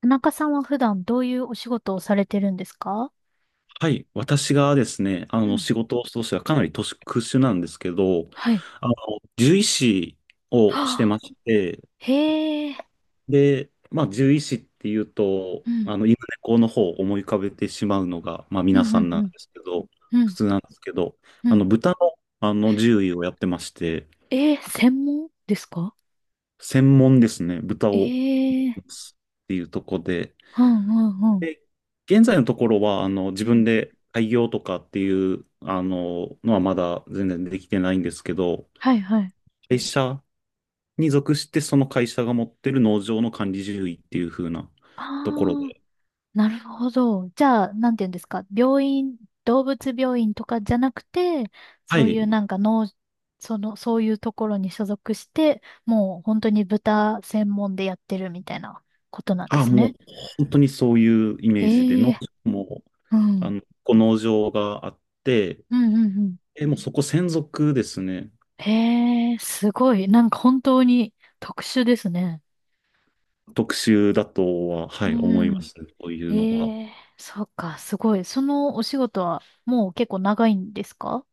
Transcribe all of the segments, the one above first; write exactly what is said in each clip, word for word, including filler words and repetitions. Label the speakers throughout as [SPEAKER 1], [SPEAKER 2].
[SPEAKER 1] 田中さんは普段どういうお仕事をされてるんですか？
[SPEAKER 2] はい。私がですね、あ
[SPEAKER 1] う
[SPEAKER 2] の、
[SPEAKER 1] ん。
[SPEAKER 2] 仕事としてはかなり特殊なんですけど、
[SPEAKER 1] はい。
[SPEAKER 2] あの、獣医師をして
[SPEAKER 1] は
[SPEAKER 2] ま
[SPEAKER 1] あ、
[SPEAKER 2] して、
[SPEAKER 1] へえ。
[SPEAKER 2] で、まあ、獣医師っていうと、
[SPEAKER 1] うん。
[SPEAKER 2] あの、犬猫の方を思い浮かべてしまうのが、まあ、
[SPEAKER 1] う
[SPEAKER 2] 皆
[SPEAKER 1] ん、
[SPEAKER 2] さ
[SPEAKER 1] うん、
[SPEAKER 2] んなん
[SPEAKER 1] う
[SPEAKER 2] で
[SPEAKER 1] ん。
[SPEAKER 2] すけど、
[SPEAKER 1] う
[SPEAKER 2] 普
[SPEAKER 1] ん、
[SPEAKER 2] 通なんですけど、
[SPEAKER 1] う
[SPEAKER 2] あ
[SPEAKER 1] ん。
[SPEAKER 2] の、豚の、あの、獣医をやってまして、
[SPEAKER 1] ええ、専門ですか？
[SPEAKER 2] 専門ですね、豚
[SPEAKER 1] え
[SPEAKER 2] を、っ
[SPEAKER 1] えー。
[SPEAKER 2] ていうとこで、
[SPEAKER 1] うん、うん、うん。
[SPEAKER 2] で現在のところは、あの、自
[SPEAKER 1] う
[SPEAKER 2] 分
[SPEAKER 1] ん。
[SPEAKER 2] で開業とかっていう、あの、のはまだ全然できてないんですけど、
[SPEAKER 1] はい、はい。
[SPEAKER 2] 会社に属して、その会社が持ってる農場の管理獣医っていう風なところ
[SPEAKER 1] ああ、
[SPEAKER 2] で、
[SPEAKER 1] なるほど。じゃあ、なんて言うんですか。病院、動物病院とかじゃなくて、
[SPEAKER 2] は
[SPEAKER 1] そういう
[SPEAKER 2] い。
[SPEAKER 1] なんか農、その、そういうところに所属して、もう本当に豚専門でやってるみたいなことなんで
[SPEAKER 2] あ、
[SPEAKER 1] す
[SPEAKER 2] もう
[SPEAKER 1] ね。
[SPEAKER 2] 本当にそういうイメージで、
[SPEAKER 1] え
[SPEAKER 2] 農
[SPEAKER 1] え。
[SPEAKER 2] 場も、
[SPEAKER 1] う
[SPEAKER 2] あ
[SPEAKER 1] ん。
[SPEAKER 2] の、こう農場があって、
[SPEAKER 1] うんうんうん。
[SPEAKER 2] え、もうそこ専属ですね。
[SPEAKER 1] へえ、すごい。なんか本当に特殊ですね。
[SPEAKER 2] 特集だとは、は
[SPEAKER 1] う
[SPEAKER 2] い、思いま
[SPEAKER 1] ん。
[SPEAKER 2] す。こういうのは。
[SPEAKER 1] ええ、そっか、すごい。そのお仕事はもう結構長いんですか？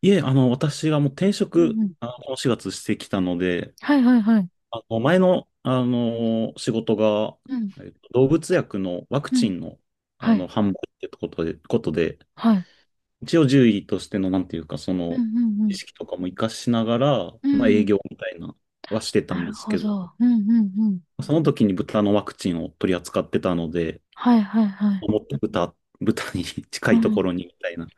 [SPEAKER 2] いえ、あの、私がもう転
[SPEAKER 1] うん
[SPEAKER 2] 職、
[SPEAKER 1] うん。
[SPEAKER 2] あの、このしがつしてきたので、
[SPEAKER 1] はいはいはい。
[SPEAKER 2] あの前の、あの仕事が、
[SPEAKER 1] うん。
[SPEAKER 2] えっと動物薬のワク
[SPEAKER 1] う
[SPEAKER 2] チ
[SPEAKER 1] ん。
[SPEAKER 2] ンの、あ
[SPEAKER 1] は
[SPEAKER 2] の
[SPEAKER 1] い。
[SPEAKER 2] 販売ってことで、ことで、
[SPEAKER 1] はい。
[SPEAKER 2] 一応獣医としての、なんていうか、そ
[SPEAKER 1] う
[SPEAKER 2] の
[SPEAKER 1] んう
[SPEAKER 2] 知
[SPEAKER 1] ん
[SPEAKER 2] 識とかも活かしながら、
[SPEAKER 1] う
[SPEAKER 2] まあ、
[SPEAKER 1] ん。う
[SPEAKER 2] 営
[SPEAKER 1] ん。
[SPEAKER 2] 業みたいなはしてた
[SPEAKER 1] な
[SPEAKER 2] んで
[SPEAKER 1] る
[SPEAKER 2] す
[SPEAKER 1] ほ
[SPEAKER 2] けど、
[SPEAKER 1] ど。うんうんうん。
[SPEAKER 2] その時に豚のワクチンを取り扱ってたので、
[SPEAKER 1] はいはいはい。
[SPEAKER 2] 思って豚、豚に 近
[SPEAKER 1] う
[SPEAKER 2] いとこ
[SPEAKER 1] ん。
[SPEAKER 2] ろにみたいな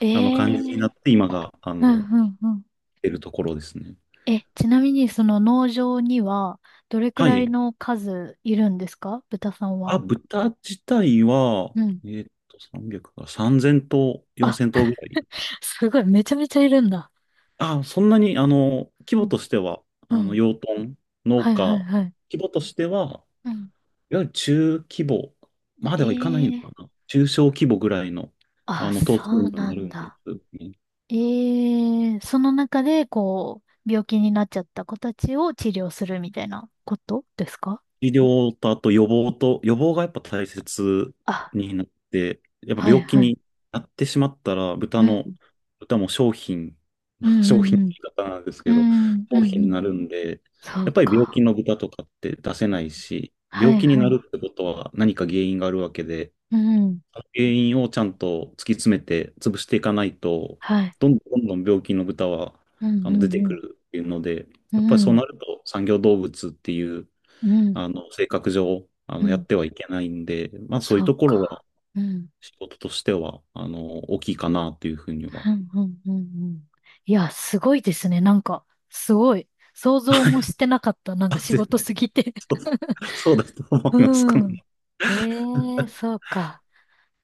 [SPEAKER 1] え
[SPEAKER 2] あの感じに
[SPEAKER 1] え、う
[SPEAKER 2] な
[SPEAKER 1] ん
[SPEAKER 2] って、今があ
[SPEAKER 1] う
[SPEAKER 2] の
[SPEAKER 1] んうん。
[SPEAKER 2] 出るところですね。
[SPEAKER 1] え、ちなみにその農場にはどれく
[SPEAKER 2] は
[SPEAKER 1] ら
[SPEAKER 2] い。
[SPEAKER 1] いの数いるんですか、豚さん
[SPEAKER 2] あ、
[SPEAKER 1] は？
[SPEAKER 2] 豚自体は、
[SPEAKER 1] うん。
[SPEAKER 2] えーっと、さんびゃくか、さんぜん頭、
[SPEAKER 1] あ、
[SPEAKER 2] よんせん頭ぐらい。
[SPEAKER 1] すごい。めちゃめちゃいるんだ。
[SPEAKER 2] あ、そんなに、あの、規
[SPEAKER 1] う
[SPEAKER 2] 模
[SPEAKER 1] ん。
[SPEAKER 2] としては、
[SPEAKER 1] う
[SPEAKER 2] あの、
[SPEAKER 1] ん。
[SPEAKER 2] 養豚、農
[SPEAKER 1] はいはい
[SPEAKER 2] 家、
[SPEAKER 1] はい。
[SPEAKER 2] 規模としては、
[SPEAKER 1] うん。
[SPEAKER 2] いわゆる中規模まで
[SPEAKER 1] え
[SPEAKER 2] はいかないの
[SPEAKER 1] え、
[SPEAKER 2] かな。中小規模ぐらいの、あ
[SPEAKER 1] あ、
[SPEAKER 2] の、頭
[SPEAKER 1] そ
[SPEAKER 2] 数に
[SPEAKER 1] う
[SPEAKER 2] な
[SPEAKER 1] な
[SPEAKER 2] る
[SPEAKER 1] ん
[SPEAKER 2] んで
[SPEAKER 1] だ。
[SPEAKER 2] すね。
[SPEAKER 1] ええ、その中で、こう、病気になっちゃった子たちを治療するみたいなことですか？
[SPEAKER 2] 医療とあと予防と、予防がやっぱ大切
[SPEAKER 1] あ、
[SPEAKER 2] になって、やっぱ
[SPEAKER 1] はい
[SPEAKER 2] 病気
[SPEAKER 1] はい。
[SPEAKER 2] になってしまったら、豚
[SPEAKER 1] う
[SPEAKER 2] の、
[SPEAKER 1] ん。
[SPEAKER 2] 豚も商品、
[SPEAKER 1] う んう
[SPEAKER 2] 商
[SPEAKER 1] ん
[SPEAKER 2] 品の
[SPEAKER 1] うん。
[SPEAKER 2] 言い方なんです
[SPEAKER 1] う
[SPEAKER 2] けど、
[SPEAKER 1] んう
[SPEAKER 2] 商
[SPEAKER 1] ん
[SPEAKER 2] 品
[SPEAKER 1] う
[SPEAKER 2] に
[SPEAKER 1] ん。
[SPEAKER 2] なるんで、
[SPEAKER 1] そ
[SPEAKER 2] やっ
[SPEAKER 1] う
[SPEAKER 2] ぱり病気
[SPEAKER 1] か。
[SPEAKER 2] の豚とかって出せないし、
[SPEAKER 1] は
[SPEAKER 2] 病
[SPEAKER 1] い
[SPEAKER 2] 気に
[SPEAKER 1] は
[SPEAKER 2] な
[SPEAKER 1] い。
[SPEAKER 2] るってことは何か原因があるわけで、
[SPEAKER 1] うん。
[SPEAKER 2] 原因をちゃんと突き詰めて潰していかないと、
[SPEAKER 1] はい。
[SPEAKER 2] どんどんどんどん病気の豚は
[SPEAKER 1] うん
[SPEAKER 2] あ
[SPEAKER 1] う
[SPEAKER 2] の出
[SPEAKER 1] ん
[SPEAKER 2] て
[SPEAKER 1] う
[SPEAKER 2] く
[SPEAKER 1] ん。
[SPEAKER 2] るっていうので、
[SPEAKER 1] う
[SPEAKER 2] やっぱりそう
[SPEAKER 1] ん。
[SPEAKER 2] なると産業動物っていう
[SPEAKER 1] うん。
[SPEAKER 2] あの、性格上、あ
[SPEAKER 1] う
[SPEAKER 2] の、や
[SPEAKER 1] ん。
[SPEAKER 2] ってはいけないんで、まあ、そういう
[SPEAKER 1] そ
[SPEAKER 2] と
[SPEAKER 1] う
[SPEAKER 2] ころは、
[SPEAKER 1] か。うん。
[SPEAKER 2] 仕事としては、あの、大きいかなっていうふうには。
[SPEAKER 1] うんうんうんうん。いや、すごいですね。なんか、すごい。想像もしてなかった。な んか
[SPEAKER 2] あ、
[SPEAKER 1] 仕
[SPEAKER 2] 全
[SPEAKER 1] 事
[SPEAKER 2] 然、
[SPEAKER 1] すぎて。
[SPEAKER 2] そう、そうだと思います。こ
[SPEAKER 1] う
[SPEAKER 2] の
[SPEAKER 1] ん。ええ、そ うか。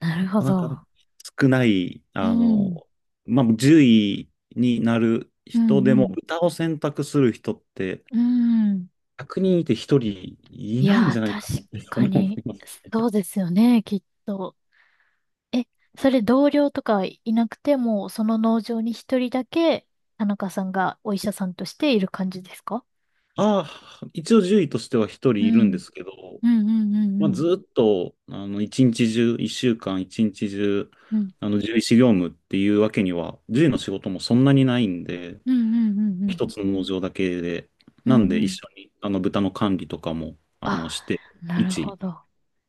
[SPEAKER 1] なるほ
[SPEAKER 2] なかなか
[SPEAKER 1] ど。
[SPEAKER 2] 少ない、
[SPEAKER 1] う
[SPEAKER 2] あ
[SPEAKER 1] ん。
[SPEAKER 2] の、まあ、じゅういになる
[SPEAKER 1] う
[SPEAKER 2] 人
[SPEAKER 1] ん、
[SPEAKER 2] で
[SPEAKER 1] う
[SPEAKER 2] も、
[SPEAKER 1] ん。
[SPEAKER 2] 歌を選択する人って、
[SPEAKER 1] うん。
[SPEAKER 2] ひゃくにんいてひとりい
[SPEAKER 1] い
[SPEAKER 2] ないんじ
[SPEAKER 1] や
[SPEAKER 2] ゃ
[SPEAKER 1] ー、
[SPEAKER 2] ないかなっ
[SPEAKER 1] 確
[SPEAKER 2] て
[SPEAKER 1] か
[SPEAKER 2] 思い
[SPEAKER 1] に、
[SPEAKER 2] ます。
[SPEAKER 1] そうですよね、きっと。え、それ同僚とかいなくても、その農場に一人だけ、田中さんがお医者さんとしている感じですか？
[SPEAKER 2] ああ、一応じゅういとしては1
[SPEAKER 1] う
[SPEAKER 2] 人いるんで
[SPEAKER 1] ん。
[SPEAKER 2] すけど、
[SPEAKER 1] うん、うん、うん、う
[SPEAKER 2] まあ、
[SPEAKER 1] ん。
[SPEAKER 2] ずっと、あの、一日中、一週間、一日中、
[SPEAKER 1] うん、
[SPEAKER 2] あの、獣医師業務っていうわけには、獣医の仕事もそんなにないんで、
[SPEAKER 1] うん、うん、うん。うん
[SPEAKER 2] 一つの農場だけで、
[SPEAKER 1] う
[SPEAKER 2] なん
[SPEAKER 1] ん
[SPEAKER 2] で
[SPEAKER 1] う
[SPEAKER 2] 一
[SPEAKER 1] ん。
[SPEAKER 2] 緒に、あの、豚の管理とかも、あの、
[SPEAKER 1] あ、
[SPEAKER 2] して、
[SPEAKER 1] なる
[SPEAKER 2] 一
[SPEAKER 1] ほど。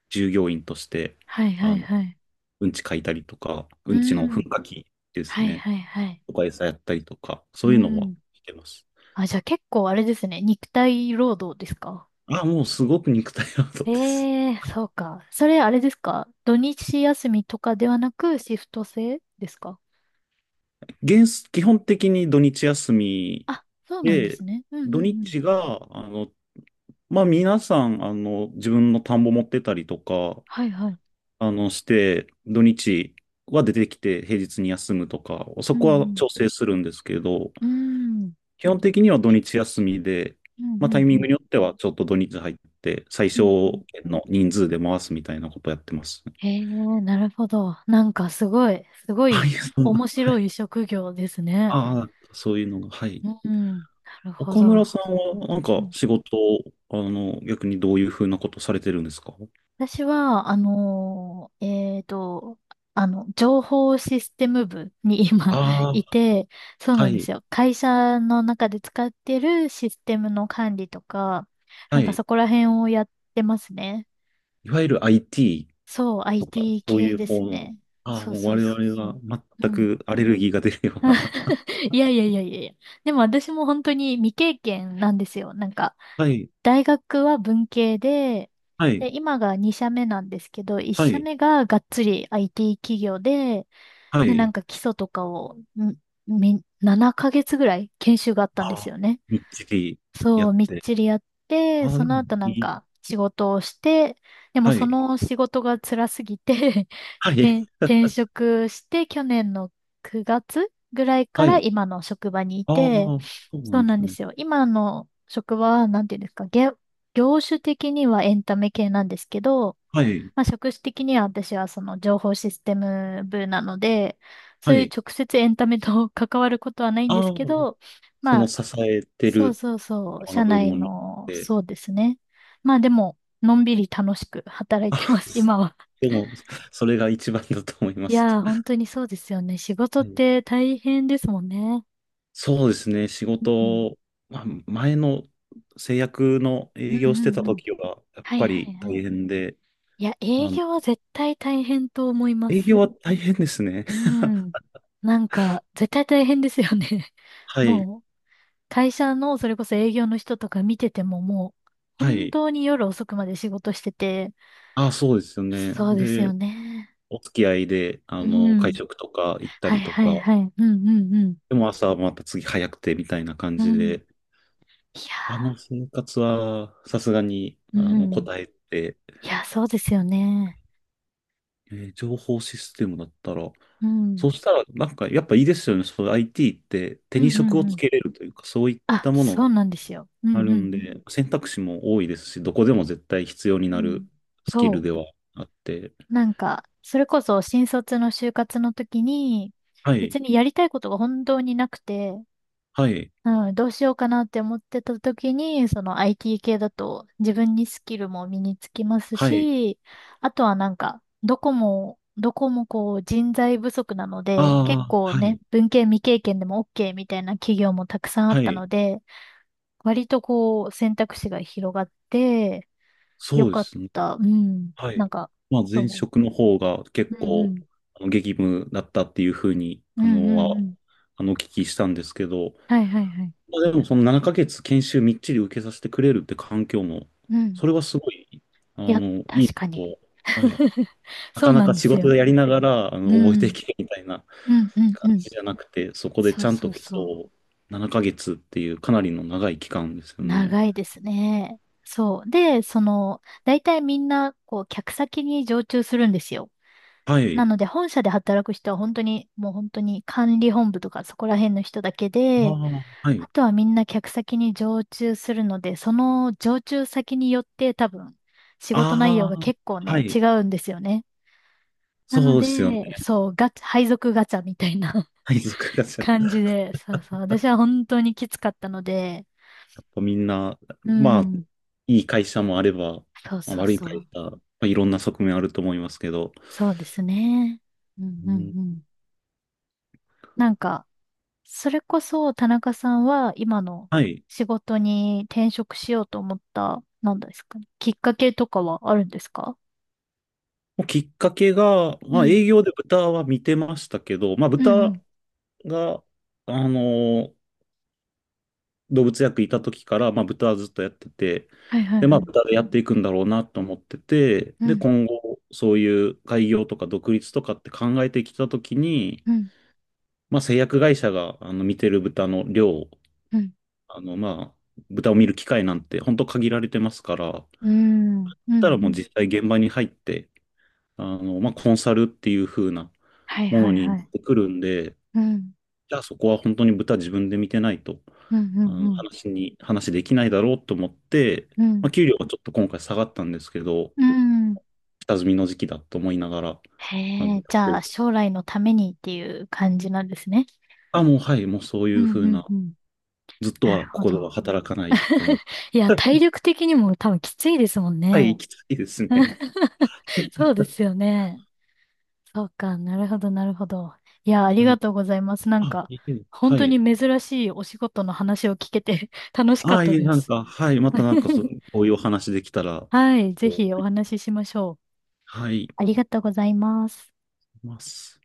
[SPEAKER 2] 従業員として、
[SPEAKER 1] はいは
[SPEAKER 2] あ
[SPEAKER 1] い
[SPEAKER 2] の、
[SPEAKER 1] はい。
[SPEAKER 2] うんち書いたりとか、う
[SPEAKER 1] う
[SPEAKER 2] んちの噴
[SPEAKER 1] ん。
[SPEAKER 2] 火器です
[SPEAKER 1] はい
[SPEAKER 2] ね、
[SPEAKER 1] はいはい。
[SPEAKER 2] とか餌やったりとか、そ
[SPEAKER 1] う
[SPEAKER 2] ういうのは
[SPEAKER 1] ん。
[SPEAKER 2] してます。
[SPEAKER 1] あ、じゃあ結構あれですね。肉体労働ですか？
[SPEAKER 2] あ、もうすごく肉体労
[SPEAKER 1] え
[SPEAKER 2] 働です。
[SPEAKER 1] えー、そうか。それあれですか、土日休みとかではなくシフト制ですか？
[SPEAKER 2] 原則基本的に土日休み
[SPEAKER 1] あ、そうなんで
[SPEAKER 2] で、
[SPEAKER 1] すね。うん
[SPEAKER 2] 土
[SPEAKER 1] うんうん。
[SPEAKER 2] 日が、あの、まあ、皆さん、あの、自分の田んぼ持ってたりとか、
[SPEAKER 1] はいはい。
[SPEAKER 2] あの、して、土日は出てきて平日に休むとか、そ
[SPEAKER 1] う
[SPEAKER 2] こは
[SPEAKER 1] ん
[SPEAKER 2] 調整するんですけど、
[SPEAKER 1] うん。うん。
[SPEAKER 2] 基本的には土日休みで、
[SPEAKER 1] うん
[SPEAKER 2] ま
[SPEAKER 1] う
[SPEAKER 2] あ、タイ
[SPEAKER 1] んう
[SPEAKER 2] ミン
[SPEAKER 1] ん。
[SPEAKER 2] グによってはちょっと土日入って、最
[SPEAKER 1] うんう
[SPEAKER 2] 小
[SPEAKER 1] ん。
[SPEAKER 2] 限の人数で回すみたいなことやってます。
[SPEAKER 1] へえ、なるほど。なんかすごい、すご
[SPEAKER 2] あ、い
[SPEAKER 1] い
[SPEAKER 2] え、そんな、
[SPEAKER 1] 面
[SPEAKER 2] はい。
[SPEAKER 1] 白い職業ですね。
[SPEAKER 2] ああ、そういうのが、はい。
[SPEAKER 1] うん。なるほ
[SPEAKER 2] 岡村
[SPEAKER 1] ど。
[SPEAKER 2] さんは、なん
[SPEAKER 1] う
[SPEAKER 2] か、
[SPEAKER 1] ん、
[SPEAKER 2] 仕事、あの、逆にどういうふうなことされてるんですか？
[SPEAKER 1] 私は、あのーえーと、あの、情報システム部に今
[SPEAKER 2] あ あー、
[SPEAKER 1] いて、そう
[SPEAKER 2] は
[SPEAKER 1] なんです
[SPEAKER 2] い、
[SPEAKER 1] よ。会社の中で使ってるシステムの管理とか、
[SPEAKER 2] は
[SPEAKER 1] なんか
[SPEAKER 2] い。
[SPEAKER 1] そこら辺をやってますね。
[SPEAKER 2] いわゆる アイティー
[SPEAKER 1] そう、
[SPEAKER 2] とか、
[SPEAKER 1] アイティー
[SPEAKER 2] そう
[SPEAKER 1] 系
[SPEAKER 2] いう
[SPEAKER 1] です
[SPEAKER 2] 方の、
[SPEAKER 1] ね。
[SPEAKER 2] ああ、
[SPEAKER 1] そう
[SPEAKER 2] もう
[SPEAKER 1] そう
[SPEAKER 2] 我
[SPEAKER 1] そう
[SPEAKER 2] 々
[SPEAKER 1] そ
[SPEAKER 2] は
[SPEAKER 1] う。う
[SPEAKER 2] 全
[SPEAKER 1] ん。
[SPEAKER 2] くアレルギーが出るような。
[SPEAKER 1] いやいやいやいやいや。でも私も本当に未経験なんですよ。なんか、
[SPEAKER 2] はい、
[SPEAKER 1] 大学は文系で、
[SPEAKER 2] はい、
[SPEAKER 1] で、今がに社目なんですけど、いっ
[SPEAKER 2] は
[SPEAKER 1] 社
[SPEAKER 2] い、
[SPEAKER 1] 目ががっつり アイティー 企業で、
[SPEAKER 2] は
[SPEAKER 1] で、な
[SPEAKER 2] い。
[SPEAKER 1] んか基礎とかを、んみななかげつぐらい研修があった
[SPEAKER 2] あ
[SPEAKER 1] んです
[SPEAKER 2] あ、
[SPEAKER 1] よね。
[SPEAKER 2] みっちりや
[SPEAKER 1] そう、
[SPEAKER 2] っ
[SPEAKER 1] みっ
[SPEAKER 2] て。
[SPEAKER 1] ちりやって、
[SPEAKER 2] ああ、
[SPEAKER 1] そ
[SPEAKER 2] で
[SPEAKER 1] の
[SPEAKER 2] も
[SPEAKER 1] 後な
[SPEAKER 2] い
[SPEAKER 1] ん
[SPEAKER 2] い。
[SPEAKER 1] か仕事をして、でも
[SPEAKER 2] は
[SPEAKER 1] そ
[SPEAKER 2] い、
[SPEAKER 1] の仕事が辛すぎて
[SPEAKER 2] は い、
[SPEAKER 1] 転、転職して去年のくがつぐらいか
[SPEAKER 2] は
[SPEAKER 1] ら
[SPEAKER 2] い。
[SPEAKER 1] 今の職場にい
[SPEAKER 2] あ
[SPEAKER 1] て、
[SPEAKER 2] あ、そうな
[SPEAKER 1] そう
[SPEAKER 2] んで
[SPEAKER 1] なん
[SPEAKER 2] す
[SPEAKER 1] で
[SPEAKER 2] ね。
[SPEAKER 1] すよ。今の職場は、なんていうんですか、げ業種的にはエンタメ系なんですけど、
[SPEAKER 2] はい、
[SPEAKER 1] まあ、職種的には私はその情報システム部なので、そ
[SPEAKER 2] は
[SPEAKER 1] ういう
[SPEAKER 2] い。
[SPEAKER 1] 直接エンタメと 関わることはないんで
[SPEAKER 2] あ
[SPEAKER 1] す
[SPEAKER 2] あ、
[SPEAKER 1] けど、
[SPEAKER 2] そ
[SPEAKER 1] ま
[SPEAKER 2] の
[SPEAKER 1] あ、
[SPEAKER 2] 支えて
[SPEAKER 1] そう
[SPEAKER 2] る
[SPEAKER 1] そうそう、
[SPEAKER 2] あの
[SPEAKER 1] 社
[SPEAKER 2] 部
[SPEAKER 1] 内
[SPEAKER 2] 門
[SPEAKER 1] の、
[SPEAKER 2] で、
[SPEAKER 1] そうですね。まあでも、のんびり楽しく働 い
[SPEAKER 2] あ、
[SPEAKER 1] てます、今は。
[SPEAKER 2] でも、それが一番だと思いま
[SPEAKER 1] い
[SPEAKER 2] す。
[SPEAKER 1] やー、本当にそうですよね。仕事
[SPEAKER 2] は
[SPEAKER 1] っ
[SPEAKER 2] い。
[SPEAKER 1] て大変ですもんね。
[SPEAKER 2] そうですね、仕
[SPEAKER 1] うん。
[SPEAKER 2] 事、まあ、前の製薬の
[SPEAKER 1] うん
[SPEAKER 2] 営
[SPEAKER 1] う
[SPEAKER 2] 業してた
[SPEAKER 1] んうん。
[SPEAKER 2] 時は、やっ
[SPEAKER 1] はい
[SPEAKER 2] ぱ
[SPEAKER 1] はい
[SPEAKER 2] り
[SPEAKER 1] はい。
[SPEAKER 2] 大変で、
[SPEAKER 1] いや、営
[SPEAKER 2] あの、
[SPEAKER 1] 業は絶対大変と思いま
[SPEAKER 2] 営
[SPEAKER 1] す。
[SPEAKER 2] 業は大変ですね。
[SPEAKER 1] うん。なんか、絶対大変ですよね。
[SPEAKER 2] はい、
[SPEAKER 1] もう、会社のそれこそ営業の人とか見ててももう、
[SPEAKER 2] は
[SPEAKER 1] 本
[SPEAKER 2] い。
[SPEAKER 1] 当に夜遅くまで仕事してて、
[SPEAKER 2] あ、そうですよね。
[SPEAKER 1] そうですよ
[SPEAKER 2] で、
[SPEAKER 1] ね。
[SPEAKER 2] お付き合いで、あ
[SPEAKER 1] う
[SPEAKER 2] の、会
[SPEAKER 1] ん。
[SPEAKER 2] 食とか行った
[SPEAKER 1] はい
[SPEAKER 2] りと
[SPEAKER 1] は
[SPEAKER 2] か、
[SPEAKER 1] いはい。うんうんうん。
[SPEAKER 2] でも朝はまた次早くてみたいな感
[SPEAKER 1] う
[SPEAKER 2] じ
[SPEAKER 1] ん。
[SPEAKER 2] で、
[SPEAKER 1] い
[SPEAKER 2] あ
[SPEAKER 1] や
[SPEAKER 2] の生活はさすがに、
[SPEAKER 1] ー、
[SPEAKER 2] あ
[SPEAKER 1] う
[SPEAKER 2] の、
[SPEAKER 1] ん。
[SPEAKER 2] 答えて、
[SPEAKER 1] いや、そうですよね。
[SPEAKER 2] えー情報システムだったら、
[SPEAKER 1] うん。
[SPEAKER 2] そしたら、なんか、やっぱいいですよね。そう、アイティー って
[SPEAKER 1] う
[SPEAKER 2] 手
[SPEAKER 1] ん
[SPEAKER 2] に
[SPEAKER 1] うん
[SPEAKER 2] 職を
[SPEAKER 1] う
[SPEAKER 2] つ
[SPEAKER 1] ん。
[SPEAKER 2] けれるというか、そういった
[SPEAKER 1] あ、
[SPEAKER 2] もの
[SPEAKER 1] そ
[SPEAKER 2] が
[SPEAKER 1] うなんですよ。う
[SPEAKER 2] あ
[SPEAKER 1] んう
[SPEAKER 2] るんで、
[SPEAKER 1] ん
[SPEAKER 2] 選択肢も多いですし、どこでも絶対必要に
[SPEAKER 1] うん。う
[SPEAKER 2] な
[SPEAKER 1] ん。
[SPEAKER 2] るスキル
[SPEAKER 1] そ
[SPEAKER 2] ではあって。
[SPEAKER 1] う。なんか、それこそ新卒の就活の時に、
[SPEAKER 2] はい、
[SPEAKER 1] 別にやりたいことが本当になくて、
[SPEAKER 2] はい、
[SPEAKER 1] うん、どうしようかなって思ってた時に、その アイティー 系だと自分にスキルも身につきます
[SPEAKER 2] はい。
[SPEAKER 1] し、あとはなんか、どこも、どこもこう人材不足なの
[SPEAKER 2] あ
[SPEAKER 1] で、結
[SPEAKER 2] あ、
[SPEAKER 1] 構
[SPEAKER 2] は
[SPEAKER 1] ね、
[SPEAKER 2] い、
[SPEAKER 1] 文系未経験でも オーケー みたいな企業もたくさんあっ
[SPEAKER 2] は
[SPEAKER 1] た
[SPEAKER 2] い。
[SPEAKER 1] ので、割とこう、選択肢が広がって、よ
[SPEAKER 2] そうで
[SPEAKER 1] かっ
[SPEAKER 2] すね。
[SPEAKER 1] た。うん。
[SPEAKER 2] は
[SPEAKER 1] なん
[SPEAKER 2] い。
[SPEAKER 1] か、
[SPEAKER 2] まあ、前
[SPEAKER 1] そ
[SPEAKER 2] 職の方が
[SPEAKER 1] う。
[SPEAKER 2] 結
[SPEAKER 1] うんう
[SPEAKER 2] 構、
[SPEAKER 1] ん。
[SPEAKER 2] あの激務だったっていうふうに、
[SPEAKER 1] うん
[SPEAKER 2] あ
[SPEAKER 1] う
[SPEAKER 2] の、は、
[SPEAKER 1] んうん。
[SPEAKER 2] あの、お聞きしたんですけど、
[SPEAKER 1] はいはいはい。
[SPEAKER 2] まあでもそのななかげつ研修みっちり受けさせてくれるって環境も、
[SPEAKER 1] うん。
[SPEAKER 2] それはすごい、あ
[SPEAKER 1] いや、
[SPEAKER 2] の、いい
[SPEAKER 1] 確か
[SPEAKER 2] な
[SPEAKER 1] に。
[SPEAKER 2] と、はい。な
[SPEAKER 1] そ
[SPEAKER 2] か
[SPEAKER 1] う
[SPEAKER 2] な
[SPEAKER 1] な
[SPEAKER 2] か
[SPEAKER 1] んで
[SPEAKER 2] 仕
[SPEAKER 1] す
[SPEAKER 2] 事
[SPEAKER 1] よ。
[SPEAKER 2] でやりながら、あ
[SPEAKER 1] う
[SPEAKER 2] の、覚えてい
[SPEAKER 1] ん。
[SPEAKER 2] けみたいな
[SPEAKER 1] うんうん
[SPEAKER 2] 感
[SPEAKER 1] うん。
[SPEAKER 2] じじゃなくて、そこで
[SPEAKER 1] そ
[SPEAKER 2] ち
[SPEAKER 1] う
[SPEAKER 2] ゃん
[SPEAKER 1] そ
[SPEAKER 2] と
[SPEAKER 1] うそう。
[SPEAKER 2] そう、ななかげつっていうかなりの長い期間ですよね。
[SPEAKER 1] 長いですね。そう。で、その、大体みんな、こう、客先に常駐するんですよ。
[SPEAKER 2] は
[SPEAKER 1] な
[SPEAKER 2] い。
[SPEAKER 1] ので、本社で働く人は本当に、もう本当に管理本部とかそこら辺の人だけ
[SPEAKER 2] あ
[SPEAKER 1] で、
[SPEAKER 2] あ、は
[SPEAKER 1] あ
[SPEAKER 2] い。
[SPEAKER 1] とはみんな客先に常駐するので、その常駐先によって多分仕事内容が
[SPEAKER 2] ああ、
[SPEAKER 1] 結構
[SPEAKER 2] は
[SPEAKER 1] ね、違
[SPEAKER 2] い。
[SPEAKER 1] うんですよね。なの
[SPEAKER 2] そうですよね。
[SPEAKER 1] で、そう、ガチャ、配属ガチャみたいな
[SPEAKER 2] 配属がちゃや
[SPEAKER 1] 感じで、そうそう、私は本当にきつかったので、
[SPEAKER 2] っぱみんな、
[SPEAKER 1] う
[SPEAKER 2] まあ、
[SPEAKER 1] ん、
[SPEAKER 2] いい会社もあれば、
[SPEAKER 1] そう
[SPEAKER 2] まあ
[SPEAKER 1] そう
[SPEAKER 2] 悪い
[SPEAKER 1] そう、
[SPEAKER 2] 会社、まあ、いろんな側面あると思いますけど、
[SPEAKER 1] そうですね。うん
[SPEAKER 2] う
[SPEAKER 1] うん
[SPEAKER 2] ん。
[SPEAKER 1] うん。なんか、それこそ田中さんは今の
[SPEAKER 2] はい。
[SPEAKER 1] 仕事に転職しようと思った、なんですかね、きっかけとかはあるんですか？
[SPEAKER 2] もうきっかけが、
[SPEAKER 1] う
[SPEAKER 2] まあ
[SPEAKER 1] ん、
[SPEAKER 2] 営業で豚は見てましたけど、まあ
[SPEAKER 1] うんう
[SPEAKER 2] 豚
[SPEAKER 1] ん。
[SPEAKER 2] が、あの動物薬いた時から、まあ豚はずっとやってて、
[SPEAKER 1] はいはい
[SPEAKER 2] で、ま
[SPEAKER 1] は
[SPEAKER 2] あ
[SPEAKER 1] い。
[SPEAKER 2] 豚でやっていくんだろうなと思ってて、
[SPEAKER 1] う
[SPEAKER 2] で、
[SPEAKER 1] ん、
[SPEAKER 2] 今後、そういう開業とか独立とかって考えてきた時に、
[SPEAKER 1] うん、
[SPEAKER 2] まあ製薬会社が、あの、見てる豚の量、
[SPEAKER 1] うん、
[SPEAKER 2] あの、まあ、豚を見る機会なんて本当限られてますから、だっ
[SPEAKER 1] うん、うん、う
[SPEAKER 2] たらもう
[SPEAKER 1] ん。
[SPEAKER 2] 実際現場に入って、あの、まあコンサルっていう風な、
[SPEAKER 1] はい
[SPEAKER 2] も
[SPEAKER 1] は
[SPEAKER 2] の
[SPEAKER 1] い
[SPEAKER 2] にな
[SPEAKER 1] は
[SPEAKER 2] っ
[SPEAKER 1] い。
[SPEAKER 2] てくるんで、
[SPEAKER 1] うん、
[SPEAKER 2] じゃあそこは本当に豚自分で見てないと、
[SPEAKER 1] うん、う
[SPEAKER 2] あ
[SPEAKER 1] ん、う
[SPEAKER 2] の
[SPEAKER 1] ん、
[SPEAKER 2] 話に、話できないだろうと思って、
[SPEAKER 1] う
[SPEAKER 2] ま
[SPEAKER 1] ん。
[SPEAKER 2] あ、給料がちょっと今回下がったんですけど、
[SPEAKER 1] うん、
[SPEAKER 2] 下積みの時期だと思いながら、
[SPEAKER 1] へ
[SPEAKER 2] あの、や
[SPEAKER 1] え、じ
[SPEAKER 2] って
[SPEAKER 1] ゃあ
[SPEAKER 2] ると。
[SPEAKER 1] 将来のためにっていう感じなんですね。
[SPEAKER 2] あ、もうはい、もうそうい
[SPEAKER 1] う
[SPEAKER 2] う
[SPEAKER 1] ん、
[SPEAKER 2] ふう
[SPEAKER 1] うん、
[SPEAKER 2] な、
[SPEAKER 1] うん。
[SPEAKER 2] ずっと
[SPEAKER 1] な
[SPEAKER 2] は
[SPEAKER 1] る
[SPEAKER 2] こ
[SPEAKER 1] ほ
[SPEAKER 2] こでは
[SPEAKER 1] ど。
[SPEAKER 2] 働かないって思う。
[SPEAKER 1] いや、体力的にも多分きついですもん
[SPEAKER 2] はい、
[SPEAKER 1] ね。
[SPEAKER 2] 行きたいですね。
[SPEAKER 1] そうですよね。そうか、なるほど、なるほど。いや、あり
[SPEAKER 2] う
[SPEAKER 1] が
[SPEAKER 2] ん。
[SPEAKER 1] とうございます。なん
[SPEAKER 2] あ、
[SPEAKER 1] か、
[SPEAKER 2] いいけど
[SPEAKER 1] 本
[SPEAKER 2] は
[SPEAKER 1] 当に
[SPEAKER 2] い。
[SPEAKER 1] 珍しいお仕事の話を聞けて 楽しかっ
[SPEAKER 2] あ、い
[SPEAKER 1] た
[SPEAKER 2] い、
[SPEAKER 1] で
[SPEAKER 2] なん
[SPEAKER 1] す。
[SPEAKER 2] か、はい、またなんかそう、こういうお話できたら、こ
[SPEAKER 1] はい、ぜひお
[SPEAKER 2] う
[SPEAKER 1] 話ししましょう。
[SPEAKER 2] はい、
[SPEAKER 1] あ
[SPEAKER 2] い
[SPEAKER 1] りがとうございます。
[SPEAKER 2] ます。